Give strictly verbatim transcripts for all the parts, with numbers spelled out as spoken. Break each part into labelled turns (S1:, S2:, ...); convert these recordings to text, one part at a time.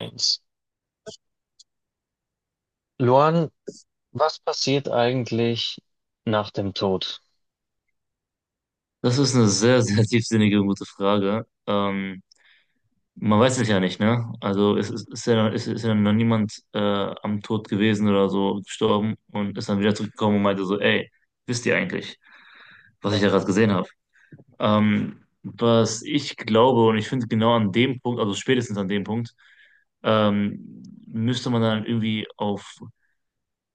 S1: eins. Luan, was passiert eigentlich nach dem Tod?
S2: Das ist eine sehr, sehr tiefsinnige und gute Frage. Ähm, man weiß es ja nicht, ne? Also es ist, ist ja, es ist ja noch niemand äh, am Tod gewesen oder so gestorben und ist dann wieder zurückgekommen und meinte so, ey, wisst ihr eigentlich, was ich da gerade gesehen habe? Ähm, was ich glaube und ich finde genau an dem Punkt, also spätestens an dem Punkt, ähm, müsste man dann irgendwie auf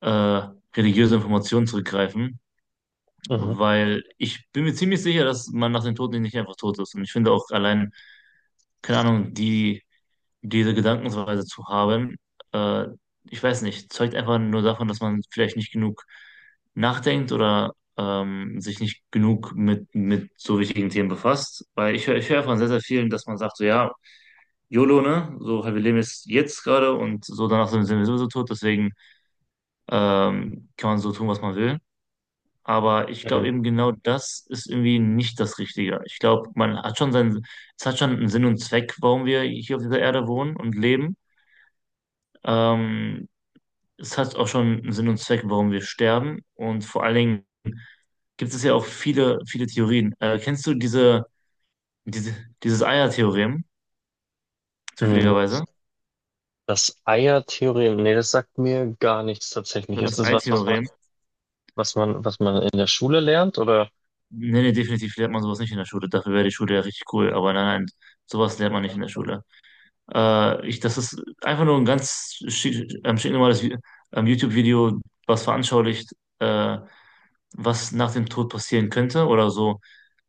S2: äh, religiöse Informationen zurückgreifen,
S1: Mhm.
S2: weil ich bin mir ziemlich sicher, dass man nach dem Tod nicht einfach tot ist. Und ich finde auch allein, keine Ahnung, die, diese Gedankensweise zu haben, äh, ich weiß nicht, zeugt einfach nur davon, dass man vielleicht nicht genug nachdenkt oder ähm, sich nicht genug mit, mit so wichtigen Themen befasst. Weil ich, hör- ich höre von sehr, sehr vielen, dass man sagt, so ja, YOLO, ne? So, halt, wir leben jetzt, jetzt gerade und so danach sind sind wir sowieso tot, deswegen ähm, kann man so tun, was man will. Aber ich
S1: Mhm.
S2: glaube eben genau das ist irgendwie nicht das Richtige. Ich glaube, man hat schon seinen, es hat schon einen Sinn und Zweck, warum wir hier auf dieser Erde wohnen und leben. Ähm, Es hat auch schon einen Sinn und Zweck, warum wir sterben. Und vor allen Dingen gibt es ja auch viele, viele Theorien. Äh, kennst du diese, diese, dieses Eier-Theorem,
S1: Mhm.
S2: zufälligerweise?
S1: Das Eiertheorem, nee, das sagt mir gar nichts tatsächlich.
S2: Oder
S1: Ist
S2: das
S1: das was, was man,
S2: Ei-Theorem?
S1: was man, was man in der Schule lernt, oder?
S2: Nee, nee, definitiv lernt man sowas nicht in der Schule. Dafür wäre die Schule ja richtig cool. Aber nein, nein, sowas lernt man nicht in der Schule. Äh, ich, das ist einfach nur ein ganz schi- ähm, stinknormales Vi- ähm, YouTube-Video, was veranschaulicht, äh, was nach dem Tod passieren könnte oder so,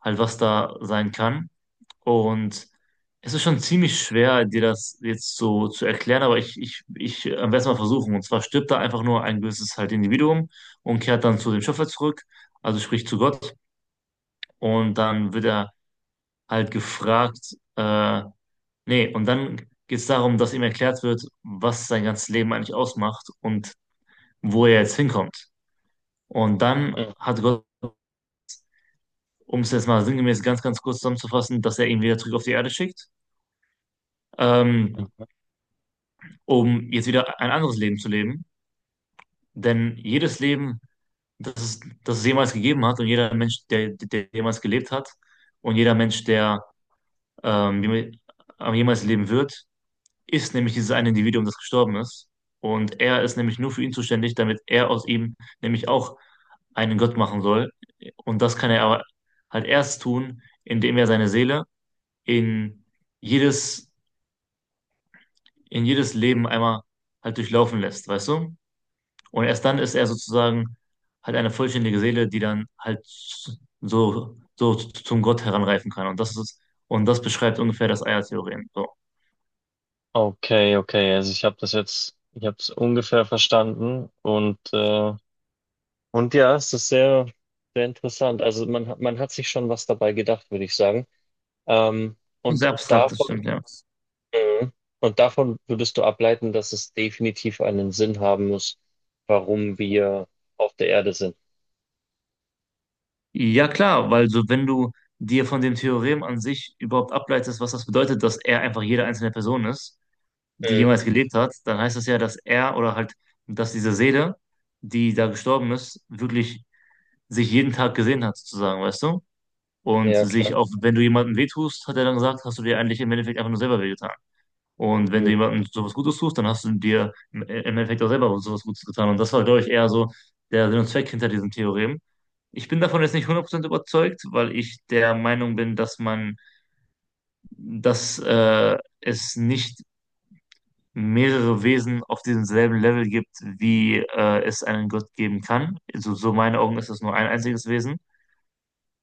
S2: halt was da sein kann. Und es ist schon ziemlich schwer, dir das jetzt so zu erklären, aber ich, ich, ich äh, werde es mal versuchen. Und zwar stirbt da einfach nur ein gewisses halt Individuum und kehrt dann zu dem Schöpfer zurück, also sprich zu Gott. Und dann wird er halt gefragt, äh, Nee, und dann geht es darum, dass ihm erklärt wird, was sein ganzes Leben eigentlich ausmacht und wo er jetzt hinkommt. Und dann
S1: Mhm.
S2: hat Gott, um es jetzt mal sinngemäß ganz, ganz kurz zusammenzufassen, dass er ihn wieder zurück auf die Erde schickt, ähm, um jetzt wieder ein anderes Leben zu leben. Denn jedes Leben, das es, das es jemals gegeben hat und jeder Mensch, der, der jemals gelebt hat und jeder Mensch, der ähm, jemals jemals leben wird, ist nämlich dieses eine Individuum, das gestorben ist. Und er ist nämlich nur für ihn zuständig, damit er aus ihm nämlich auch einen Gott machen soll. Und das kann er aber halt erst tun, indem er seine Seele in jedes, in jedes Leben einmal halt durchlaufen lässt, weißt du? Und erst dann ist er sozusagen halt eine vollständige Seele, die dann halt so, so zum Gott heranreifen kann. Und das ist, und das beschreibt ungefähr das Eiertheorem. So.
S1: Okay, okay. Also ich habe das jetzt, ich habe es ungefähr verstanden und äh, und ja, es ist sehr, sehr interessant. Also man hat- man hat sich schon was dabei gedacht, würde ich sagen. Ähm, und
S2: Sehr abstrakt, das
S1: davon
S2: stimmt, ja.
S1: Mhm. Und davon würdest du ableiten, dass es definitiv einen Sinn haben muss, warum wir auf der Erde sind.
S2: Ja, klar, weil so, wenn du dir von dem Theorem an sich überhaupt ableitest, was das bedeutet, dass er einfach jede einzelne Person ist, die
S1: Mhm.
S2: jemals gelebt hat, dann heißt das ja, dass er oder halt, dass diese Seele, die da gestorben ist, wirklich sich jeden Tag gesehen hat, sozusagen, weißt du? Und
S1: Ja, klar.
S2: sich auch, wenn du jemandem wehtust, hat er dann gesagt, hast du dir eigentlich im Endeffekt einfach nur selber wehgetan. Und wenn du
S1: Mhm.
S2: jemandem sowas Gutes tust, dann hast du dir im im Endeffekt auch selber sowas Gutes getan. Und das war, glaube ich, eher so der Sinn und Zweck hinter diesem Theorem. Ich bin davon jetzt nicht hundert Prozent überzeugt, weil ich der Meinung bin, dass man, dass äh, es nicht mehrere Wesen auf diesem selben Level gibt, wie äh, es einen Gott geben kann. Also so meinen Augen ist es nur ein einziges Wesen.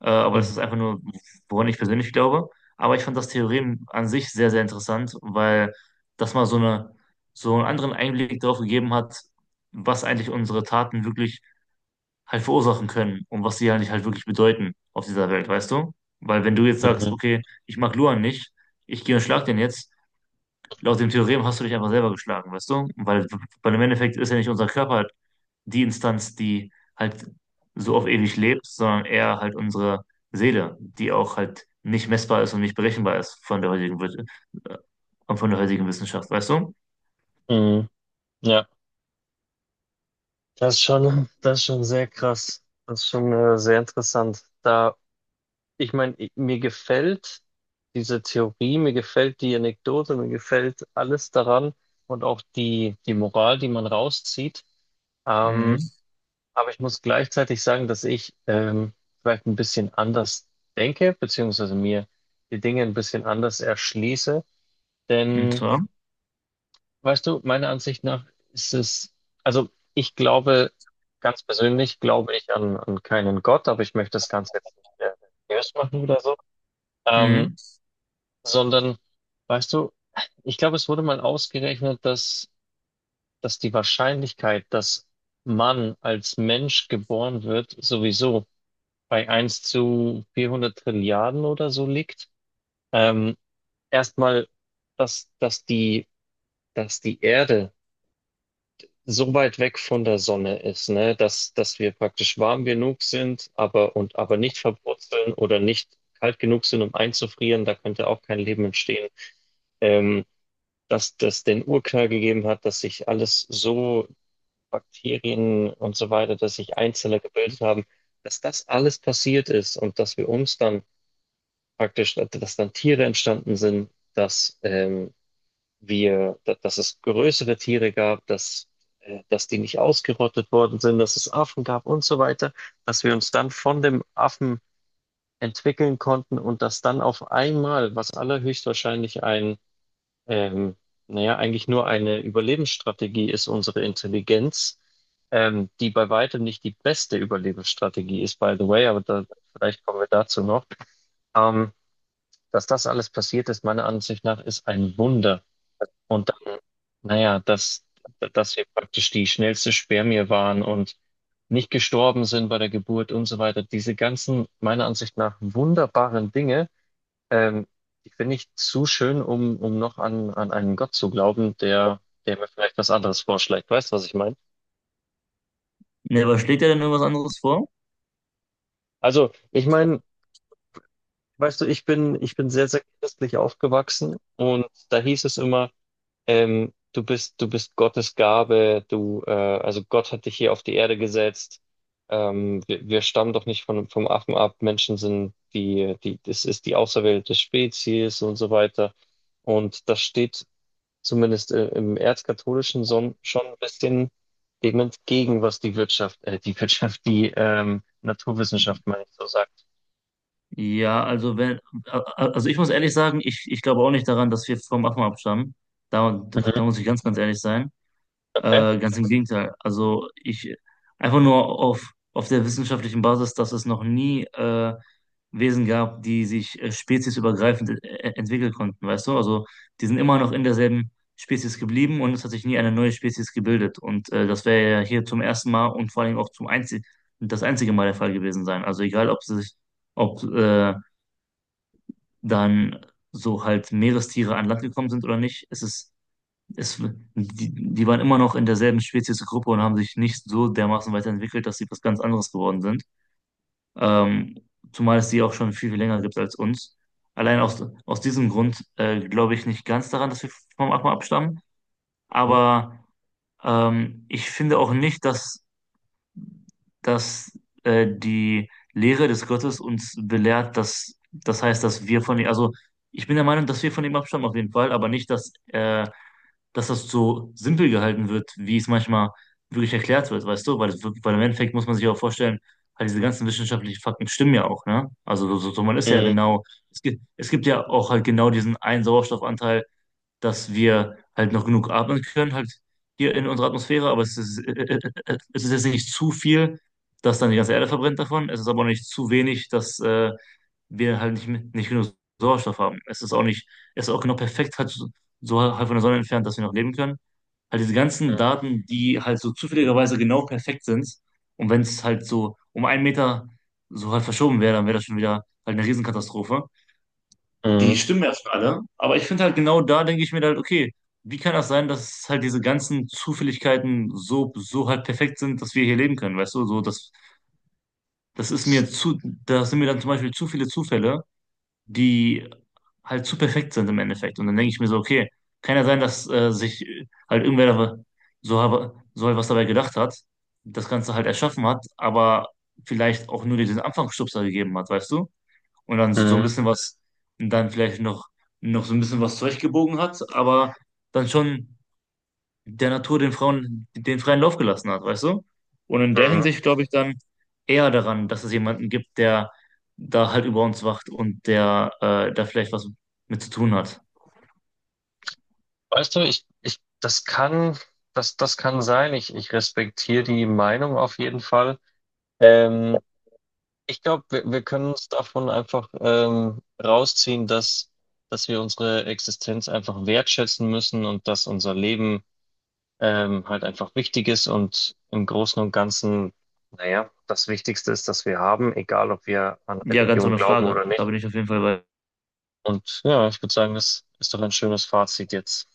S2: Äh, aber das
S1: Mhm.
S2: ist einfach nur, woran ich persönlich glaube. Aber ich fand das Theorem an sich sehr, sehr interessant, weil das mal so eine, so einen anderen Einblick darauf gegeben hat, was eigentlich unsere Taten wirklich halt verursachen können und was sie eigentlich halt wirklich bedeuten auf dieser Welt, weißt du? Weil wenn du jetzt sagst,
S1: Mhm.
S2: okay, ich mag Luan nicht, ich gehe und schlag den jetzt, laut dem Theorem hast du dich einfach selber geschlagen, weißt du? Weil, weil im Endeffekt ist ja nicht unser Körper die Instanz, die halt so auf ewig lebt, sondern eher halt unsere Seele, die auch halt nicht messbar ist und nicht berechenbar ist von der heutigen, Wir- äh, von der heutigen Wissenschaft, weißt du?
S1: Mhm. Ja, das ist schon, das ist schon sehr krass. Das ist schon äh, sehr interessant. Da, ich meine, i- mir gefällt diese Theorie, mir gefällt die Anekdote, mir gefällt alles daran und auch die, die Moral, die man rauszieht. Ähm,
S2: Mhm.
S1: Aber ich muss gleichzeitig sagen, dass ich ähm, vielleicht ein bisschen anders denke, beziehungsweise mir die Dinge ein bisschen anders erschließe.
S2: Und
S1: Denn,
S2: zwar,
S1: weißt du, meiner Ansicht nach ist es, also ich glaube, ganz persönlich glaube ich an, an keinen Gott, aber ich möchte das Ganze jetzt nicht äh, religiös machen oder so, ähm,
S2: mhm.
S1: sondern, weißt du, ich glaube, es wurde mal ausgerechnet, dass, dass die Wahrscheinlichkeit, dass man als Mensch geboren wird, sowieso bei eins zu vierhundert Trilliarden oder so liegt. Ähm, Erstmal, dass, dass die, dass die Erde so weit weg von der Sonne ist, ne, dass, dass wir praktisch warm genug sind, aber, und, aber nicht verbrutzeln oder nicht kalt genug sind, um einzufrieren, da könnte auch kein Leben entstehen. Ähm, dass das den Urknall gegeben hat, dass sich alles so, Bakterien und so weiter, dass sich Einzeller gebildet haben, dass das alles passiert ist und dass wir uns dann praktisch, dass dann Tiere entstanden sind, dass ähm, wir, dass es größere Tiere gab, dass, äh, dass die nicht ausgerottet worden sind, dass es Affen gab und so weiter, dass wir uns dann von dem Affen entwickeln konnten und dass dann auf einmal, was allerhöchstwahrscheinlich ein, ähm, naja, eigentlich nur eine Überlebensstrategie ist, unsere Intelligenz, ähm, die bei weitem nicht die beste Überlebensstrategie ist, by the way, aber da, vielleicht kommen wir dazu noch. Ähm, dass das alles passiert ist, meiner Ansicht nach, ist ein Wunder. Und dann, naja, dass, dass wir praktisch die schnellste Spermie waren und nicht gestorben sind bei der Geburt und so weiter. Diese ganzen, meiner Ansicht nach, wunderbaren Dinge, ähm, die finde ich zu schön, um, um noch an, an einen Gott zu glauben, der, der mir vielleicht was anderes vorschlägt. Weißt du, was ich meine?
S2: Ne, aber schlägt er denn irgendwas anderes vor?
S1: Also, ich meine, weißt du, ich bin, ich bin sehr, sehr christlich aufgewachsen und da hieß es immer, ähm, du bist, du bist Gottes Gabe, du, äh, also Gott hat dich hier auf die Erde gesetzt. Ähm, wir, wir stammen doch nicht von, vom Affen ab. Menschen sind die, die, das ist die auserwählte Spezies und so weiter. Und das steht zumindest äh, im Erzkatholischen so, schon ein bisschen dem entgegen, was die Wirtschaft, äh, die Wirtschaft, die ähm, Naturwissenschaft, meine ich, so sagt.
S2: Ja, also wenn, a- a- Also ich muss ehrlich sagen, ich, ich glaube auch nicht daran, dass wir vom Affen abstammen. Da,
S1: Mhm.
S2: da muss ich ganz, ganz ehrlich sein.
S1: Okay.
S2: Äh, ganz im Gegenteil. Also ich einfach nur auf, auf der wissenschaftlichen Basis, dass es noch nie äh, Wesen gab, die sich äh, speziesübergreifend e- e- entwickeln konnten, weißt du? Also die sind immer noch in derselben Spezies geblieben und es hat sich nie eine neue Spezies gebildet. Und äh, das wäre ja hier zum ersten Mal und vor allem auch zum einzig das einzige Mal der Fall gewesen sein. Also egal, ob sie sich, ob äh, dann so halt Meerestiere an Land gekommen sind oder nicht, es ist es, die, die waren immer noch in derselben Speziesgruppe und haben sich nicht so dermaßen weiterentwickelt, dass sie was ganz anderes geworden sind. Ähm, zumal es die auch schon viel, viel länger gibt als uns. Allein aus, aus diesem Grund äh, glaube ich nicht ganz daran, dass wir vom Aqua abstammen.
S1: Mhm.
S2: Aber ähm, ich finde auch nicht, dass, dass äh, die Lehre des Gottes uns belehrt, dass das heißt, dass wir von ihm, also ich bin der Meinung, dass wir von ihm abstammen auf jeden Fall, aber nicht, dass äh, dass das so simpel gehalten wird, wie es manchmal wirklich erklärt wird, weißt du? Weil, es wirk- weil im Endeffekt muss man sich auch vorstellen, halt diese ganzen wissenschaftlichen Fakten stimmen ja auch, ne? Also so, so, so, man ist ja
S1: Mhm.
S2: genau, es gibt, es gibt ja auch halt genau diesen einen Sauerstoffanteil, dass wir halt noch genug atmen können, halt hier in unserer Atmosphäre, aber es ist, äh, äh, äh, es ist jetzt nicht zu viel, dass dann die ganze Erde verbrennt davon. Es ist aber auch nicht zu wenig, dass äh, wir halt nicht, nicht genug Sauerstoff haben. Es ist auch nicht, es ist auch genau perfekt halt so so halt von der Sonne entfernt, dass wir noch leben können. Halt diese ganzen Daten, die halt so zufälligerweise genau perfekt sind. Und wenn es halt so um einen Meter so halt verschoben wäre, dann wäre das schon wieder halt eine Riesenkatastrophe, die
S1: Mhm.
S2: stimmen erstmal alle, aber ich finde halt genau da denke ich mir halt, okay, wie kann das sein, dass halt diese ganzen Zufälligkeiten so, so halt perfekt sind, dass wir hier leben können, weißt du? So, das, das ist mir zu, das sind mir dann zum Beispiel zu viele Zufälle, die halt zu perfekt sind im Endeffekt. Und dann denke ich mir so, okay, kann ja sein, dass äh, sich halt irgendwer da so, habe, so halt was dabei gedacht hat, das Ganze halt erschaffen hat, aber vielleicht auch nur diesen Anfangsstupser gegeben hat, weißt du? Und dann so, so ein
S1: Mhm.
S2: bisschen was, und dann vielleicht noch, noch so ein bisschen was zurechtgebogen hat, aber dann schon der Natur den Frauen den freien Lauf gelassen hat, weißt du? Und in der
S1: Mhm.
S2: Hinsicht glaube ich dann eher daran, dass es jemanden gibt, der da halt über uns wacht und der äh, da vielleicht was mit zu tun hat.
S1: Weißt du, ich, ich, das kann, das, das kann sein. Ich, ich respektiere die Meinung auf jeden Fall. Ähm, ich glaube, wir, wir können uns davon einfach ähm, rausziehen, dass, dass wir unsere Existenz einfach wertschätzen müssen und dass unser Leben ähm, halt einfach wichtig ist und im Großen und Ganzen, naja, das Wichtigste ist, dass wir haben, egal ob wir an
S2: Ja, ganz
S1: Religion
S2: ohne
S1: glauben
S2: Frage.
S1: oder
S2: Da
S1: nicht.
S2: bin ich auf jeden Fall bei.
S1: Und ja, ich würde sagen, das ist doch ein schönes Fazit jetzt.